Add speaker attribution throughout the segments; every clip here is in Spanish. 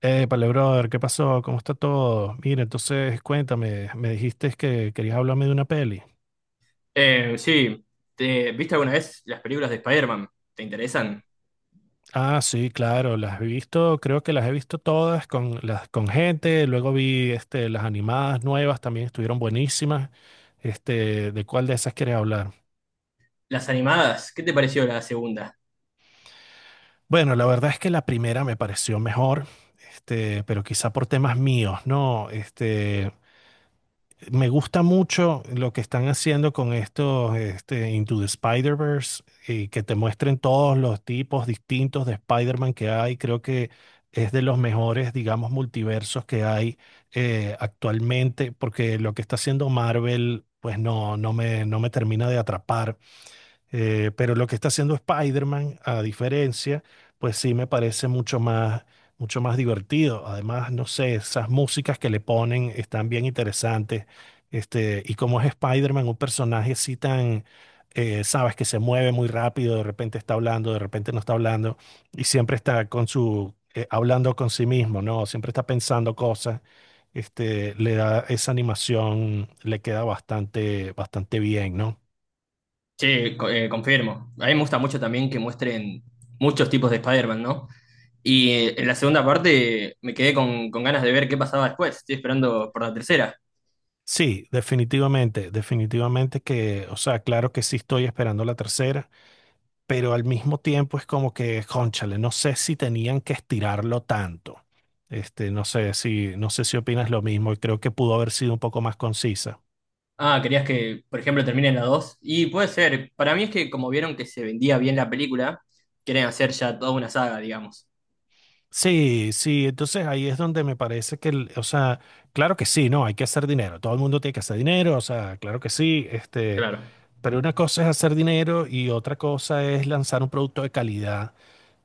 Speaker 1: Épale, brother, ¿qué pasó? ¿Cómo está todo? Mira, entonces cuéntame, me dijiste que querías hablarme de una peli.
Speaker 2: Sí. Viste alguna vez las películas de Spider-Man? ¿Te interesan?
Speaker 1: Ah, sí, claro, las he visto, creo que las he visto todas con, las, con gente, luego vi las animadas nuevas, también estuvieron buenísimas. ¿De cuál de esas quieres hablar?
Speaker 2: Las animadas, ¿qué te pareció la segunda?
Speaker 1: Bueno, la verdad es que la primera me pareció mejor, pero quizá por temas míos, ¿no? Me gusta mucho lo que están haciendo con estos Into the Spider-Verse y que te muestren todos los tipos distintos de Spider-Man que hay. Creo que es de los mejores, digamos, multiversos que hay actualmente, porque lo que está haciendo Marvel, pues no, no me termina de atrapar. Pero lo que está haciendo Spider-Man, a diferencia, pues sí me parece mucho más divertido. Además, no sé, esas músicas que le ponen están bien interesantes. Y como es Spider-Man, un personaje así tan, sabes, que se mueve muy rápido, de repente está hablando, de repente no está hablando, y siempre está con hablando con sí mismo, ¿no? Siempre está pensando cosas. Le da esa animación, le queda bastante, bastante bien, ¿no?
Speaker 2: Confirmo. A mí me gusta mucho también que muestren muchos tipos de Spider-Man, ¿no? Y en la segunda parte me quedé con ganas de ver qué pasaba después. Estoy esperando por la tercera.
Speaker 1: Sí, definitivamente, definitivamente que, o sea, claro que sí estoy esperando la tercera, pero al mismo tiempo es como que, cónchale, no sé si tenían que estirarlo tanto. No sé si opinas lo mismo y creo que pudo haber sido un poco más concisa.
Speaker 2: Ah, querías que, por ejemplo, termine en la 2. Y puede ser. Para mí es que como vieron que se vendía bien la película, quieren hacer ya toda una saga, digamos.
Speaker 1: Sí, sí, entonces ahí es donde me parece que, o sea, claro que sí, no, hay que hacer dinero, todo el mundo tiene que hacer dinero, o sea, claro que sí,
Speaker 2: Claro.
Speaker 1: pero una cosa es hacer dinero y otra cosa es lanzar un producto de calidad.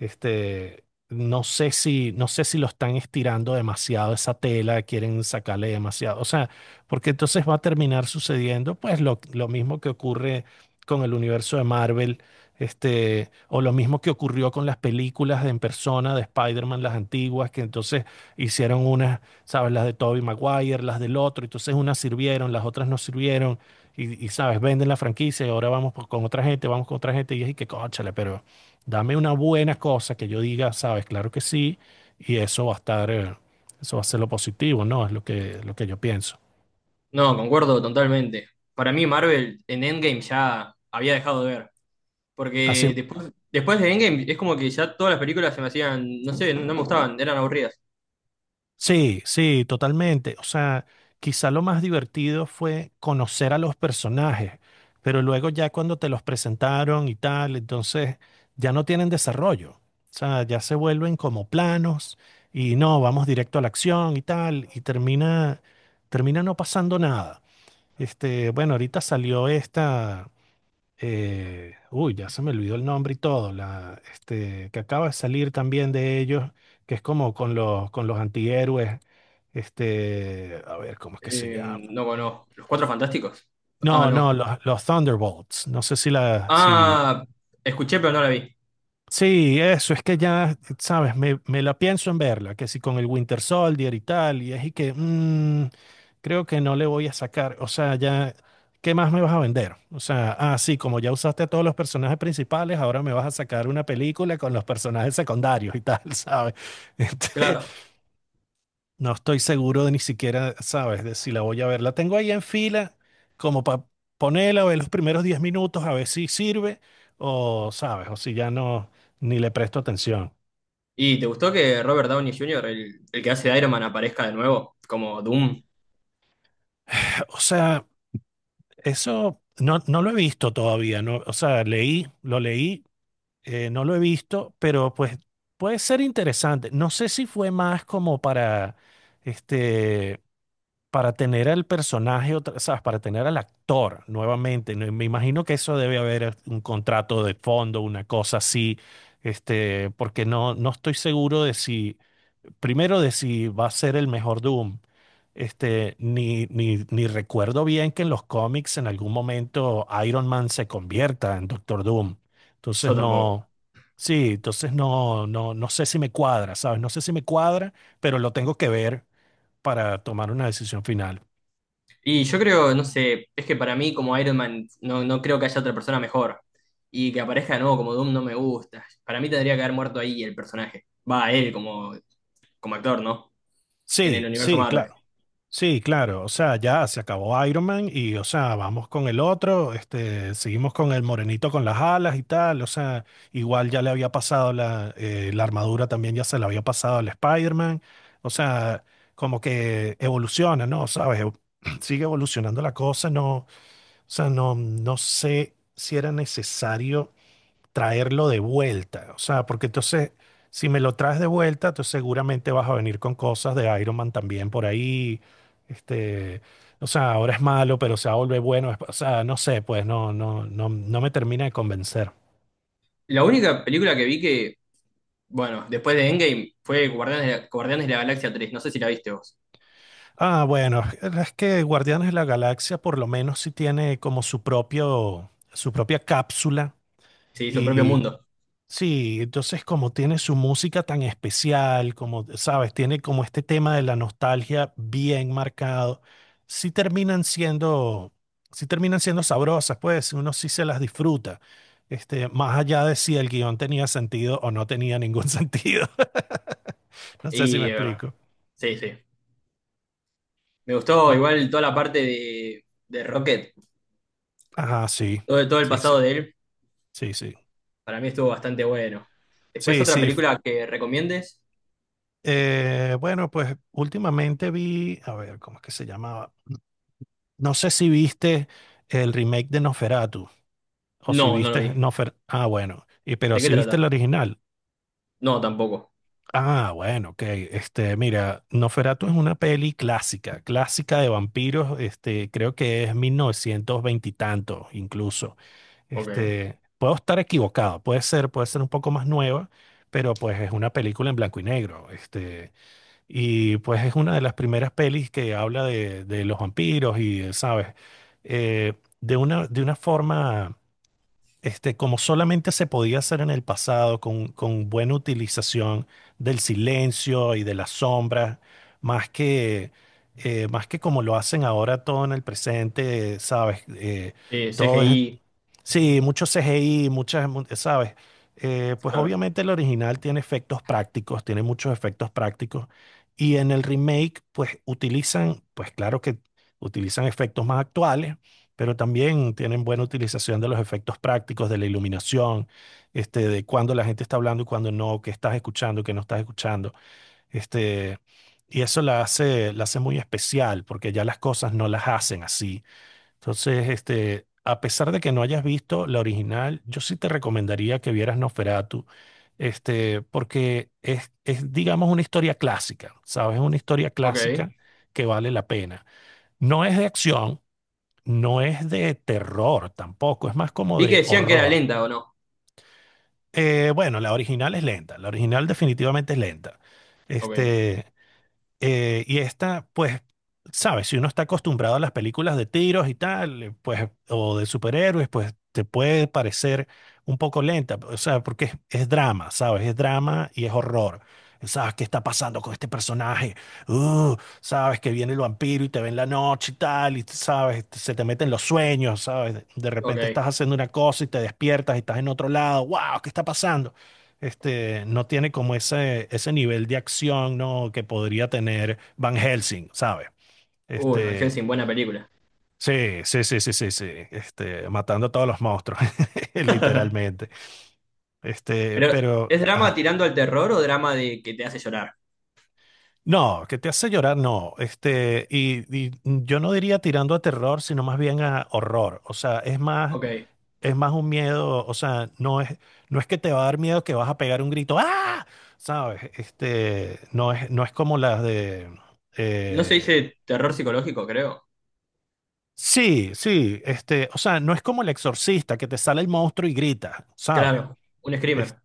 Speaker 1: Este, no sé si lo están estirando demasiado esa tela, quieren sacarle demasiado. O sea, porque entonces va a terminar sucediendo, pues, lo mismo que ocurre con el universo de Marvel, o lo mismo que ocurrió con las películas de en persona de Spider-Man, las antiguas, que entonces hicieron unas, ¿sabes? Las de Tobey Maguire, las del otro, entonces unas sirvieron, las otras no sirvieron, ¿sabes? Venden la franquicia y ahora vamos con otra gente, vamos con otra gente, y es y que, cónchale, pero. Dame una buena cosa que yo diga, sabes, claro que sí, y eso va a estar, eso va a ser lo positivo, ¿no? Es lo que yo pienso.
Speaker 2: No, concuerdo totalmente. Para mí Marvel en Endgame ya había dejado de ver,
Speaker 1: Así,
Speaker 2: porque después de Endgame es como que ya todas las películas se me hacían, no sé, no me gustaban, eran aburridas.
Speaker 1: sí, sí, totalmente. O sea, quizá lo más divertido fue conocer a los personajes, pero luego ya cuando te los presentaron y tal, entonces ya no tienen desarrollo. O sea, ya se vuelven como planos y no, vamos directo a la acción y tal, y termina no pasando nada. Bueno, ahorita salió esta. Ya se me olvidó el nombre y todo, que acaba de salir también de ellos, que es como con los, antihéroes, a ver, ¿cómo es que se llama?
Speaker 2: Eh, no, bueno, Los Cuatro Fantásticos. Ah,
Speaker 1: No,
Speaker 2: no.
Speaker 1: no, los Thunderbolts, no sé si la, si,
Speaker 2: Ah, escuché pero no la vi.
Speaker 1: sí, eso, es que ya, sabes, me la pienso en verla, que si con el Winter Soldier y tal, y es y que creo que no le voy a sacar, o sea, ya, ¿qué más me vas a vender? O sea, ah, sí, como ya usaste a todos los personajes principales, ahora me vas a sacar una película con los personajes secundarios y tal, ¿sabes?
Speaker 2: Claro.
Speaker 1: No estoy seguro de ni siquiera, sabes, de si la voy a ver. La tengo ahí en fila, como para ponerla, ver los primeros 10 minutos, a ver si sirve, o sabes, o si ya no, ni le presto atención.
Speaker 2: ¿Y te gustó que Robert Downey Jr., el que hace de Iron Man, aparezca de nuevo como Doom?
Speaker 1: O sea, eso no lo he visto todavía, no, o sea, leí, lo leí, no lo he visto, pero pues puede ser interesante. No sé si fue más como para, este, para tener al personaje, o sea, para tener al actor nuevamente. ¿No? Me imagino que eso debe haber un contrato de fondo, una cosa así, porque no estoy seguro de si, primero de si va a ser el mejor Doom. Ni recuerdo bien que en los cómics en algún momento Iron Man se convierta en Doctor Doom. Entonces
Speaker 2: Yo tampoco.
Speaker 1: no, sí, entonces no sé si me cuadra, ¿sabes? No sé si me cuadra, pero lo tengo que ver para tomar una decisión final.
Speaker 2: Y yo creo, no sé, es que para mí como Iron Man no, no creo que haya otra persona mejor. Y que aparezca de nuevo como Doom no me gusta. Para mí tendría que haber muerto ahí el personaje. Va, él como, como actor, ¿no? En el
Speaker 1: Sí,
Speaker 2: universo
Speaker 1: sí,
Speaker 2: Marvel.
Speaker 1: claro. Sí, claro. O sea, ya se acabó Iron Man y, o sea, vamos con el otro. Seguimos con el morenito con las alas y tal. O sea, igual ya le había pasado la armadura también ya se la había pasado al Spider-Man. O sea, como que evoluciona, ¿no? ¿Sabes? Sigue evolucionando la cosa. No, o sea, no sé si era necesario traerlo de vuelta. O sea, porque entonces, si me lo traes de vuelta, entonces seguramente vas a venir con cosas de Iron Man también por ahí. Este, o sea, ahora es malo, pero se va a volver bueno. O sea, no sé, pues no, no me termina de convencer.
Speaker 2: La única película que vi que, bueno, después de Endgame fue Guardianes de la Galaxia tres. No sé si la viste vos.
Speaker 1: Ah, bueno, es que Guardianes de la Galaxia por lo menos sí tiene como su propia cápsula.
Speaker 2: Sí, su propio
Speaker 1: Y
Speaker 2: mundo.
Speaker 1: sí, entonces como tiene su música tan especial, como, sabes, tiene como este tema de la nostalgia bien marcado, sí terminan siendo, sí terminan siendo sabrosas, pues uno sí se las disfruta, más allá de si el guión tenía sentido o no tenía ningún sentido. No sé si me
Speaker 2: Y de verdad.
Speaker 1: explico.
Speaker 2: Sí, sí. Me gustó
Speaker 1: Bue-
Speaker 2: igual toda la parte de Rocket.
Speaker 1: ajá, sí,
Speaker 2: Todo, todo el
Speaker 1: sí, sí,
Speaker 2: pasado de él.
Speaker 1: sí, sí,
Speaker 2: Para mí estuvo bastante bueno. Después
Speaker 1: sí,
Speaker 2: otra
Speaker 1: sí. f-
Speaker 2: película que recomiendes.
Speaker 1: eh, bueno, pues últimamente vi, a ver, ¿cómo es que se llamaba? No sé si viste el remake de Nosferatu. O si
Speaker 2: No, no lo
Speaker 1: viste
Speaker 2: vi.
Speaker 1: Ah, bueno. Y pero
Speaker 2: ¿De qué
Speaker 1: si viste el
Speaker 2: trata?
Speaker 1: original,
Speaker 2: No, tampoco.
Speaker 1: ah, bueno, ok. Mira, Noferatu es una peli clásica, clásica de vampiros. Creo que es 1920 y tanto, incluso.
Speaker 2: Ok.
Speaker 1: Puedo estar equivocado, puede ser un poco más nueva, pero pues es una película en blanco y negro. Y pues es una de las primeras pelis que habla de, los vampiros y, ¿sabes? Eh, de una forma. Como solamente se podía hacer en el pasado con, buena utilización del silencio y de las sombras, más que, más que como lo hacen ahora todo en el presente, ¿sabes?
Speaker 2: Sí,
Speaker 1: Todo es,
Speaker 2: CGI,
Speaker 1: Sí, mucho CGI, muchas, ¿sabes? Pues
Speaker 2: claro.
Speaker 1: obviamente el original tiene efectos prácticos, tiene muchos efectos prácticos. Y en el remake, pues claro que utilizan efectos más actuales, pero también tienen buena utilización de los efectos prácticos, de la iluminación, de cuando la gente está hablando y cuando no, qué estás escuchando, qué no estás escuchando. Este, y eso la hace muy especial, porque ya las cosas no las hacen así. Entonces, a pesar de que no hayas visto la original, yo sí te recomendaría que vieras Nosferatu, porque es, digamos, una historia clásica, ¿sabes? Es una historia
Speaker 2: Ok.
Speaker 1: clásica que vale la pena. No es de acción, no es de terror tampoco, es más como
Speaker 2: Vi que
Speaker 1: de
Speaker 2: decían que era
Speaker 1: horror.
Speaker 2: lenta o no.
Speaker 1: Bueno, la original es lenta, la original definitivamente es lenta.
Speaker 2: Ok,
Speaker 1: Este, y esta, pues, sabes, si uno está acostumbrado a las películas de tiros y tal, pues, o de superhéroes, pues te puede parecer un poco lenta, o sea, porque es drama, ¿sabes? Es drama y es horror. ¿Sabes qué está pasando con este personaje? Uh, sabes que viene el vampiro y te ve en la noche y tal, y sabes, se te meten los sueños, ¿sabes? De repente
Speaker 2: ok.
Speaker 1: estás haciendo una cosa y te despiertas y estás en otro lado, wow, ¿qué está pasando? No tiene como ese, nivel de acción, ¿no? Que podría tener Van Helsing, ¿sabes?
Speaker 2: Uy, Van
Speaker 1: Este,
Speaker 2: Helsing, buena película.
Speaker 1: sí, sí, sí, sí, sí, sí, matando a todos los monstruos, literalmente. Este,
Speaker 2: Pero,
Speaker 1: pero,
Speaker 2: ¿es drama
Speaker 1: ajá.
Speaker 2: tirando al terror o drama de que te hace llorar?
Speaker 1: No, que te hace llorar, no. Y yo no diría tirando a terror, sino más bien a horror. O sea, es más
Speaker 2: Ok.
Speaker 1: es más un miedo, o sea, no es que te va a dar miedo que vas a pegar un grito, ¡ah! ¿Sabes? No es como las de...
Speaker 2: No se
Speaker 1: eh,
Speaker 2: dice terror psicológico, creo.
Speaker 1: sí, sí, o sea, no es como el exorcista que te sale el monstruo y grita, ¿sabes?
Speaker 2: Claro, un screamer.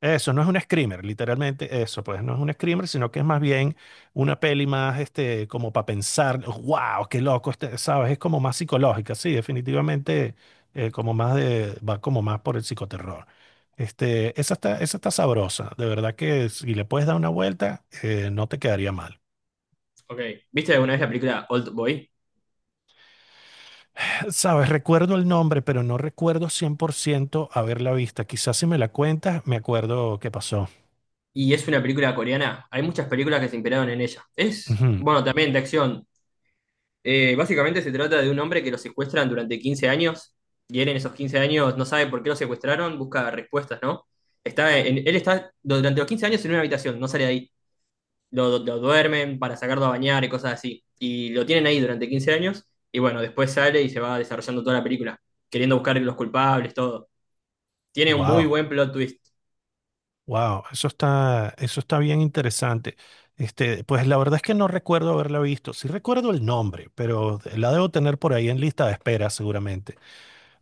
Speaker 1: Eso no es un screamer, literalmente eso, pues no es un screamer, sino que es más bien una peli más, como para pensar, wow, qué loco, ¿sabes? Es como más psicológica, sí, definitivamente, va como más por el psicoterror. Esa está sabrosa, de verdad que si le puedes dar una vuelta, no te quedaría mal.
Speaker 2: Ok. ¿Viste alguna vez la película Old Boy?
Speaker 1: Sabes, recuerdo el nombre, pero no recuerdo 100% haberla vista. Quizás si me la cuentas, me acuerdo qué pasó.
Speaker 2: Y es una película coreana. Hay muchas películas que se inspiraron en ella. Es, bueno, también de acción. Básicamente se trata de un hombre que lo secuestran durante 15 años y él en esos 15 años no sabe por qué lo secuestraron, busca respuestas, ¿no? Él está durante los 15 años en una habitación, no sale de ahí. Lo duermen para sacarlo a bañar y cosas así. Y lo tienen ahí durante 15 años y bueno, después sale y se va desarrollando toda la película, queriendo buscar los culpables, todo. Tiene un muy
Speaker 1: Wow.
Speaker 2: buen plot twist.
Speaker 1: Wow, eso está bien interesante. Pues la verdad es que no recuerdo haberla visto. Sí recuerdo el nombre, pero la debo tener por ahí en lista de espera seguramente.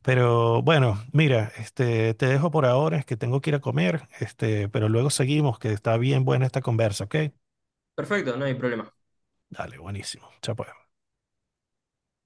Speaker 1: Pero bueno, mira, te dejo por ahora, es que tengo que ir a comer, pero luego seguimos, que está bien buena esta conversa, ¿ok?
Speaker 2: Perfecto, no hay problema.
Speaker 1: Dale, buenísimo. Chao pues.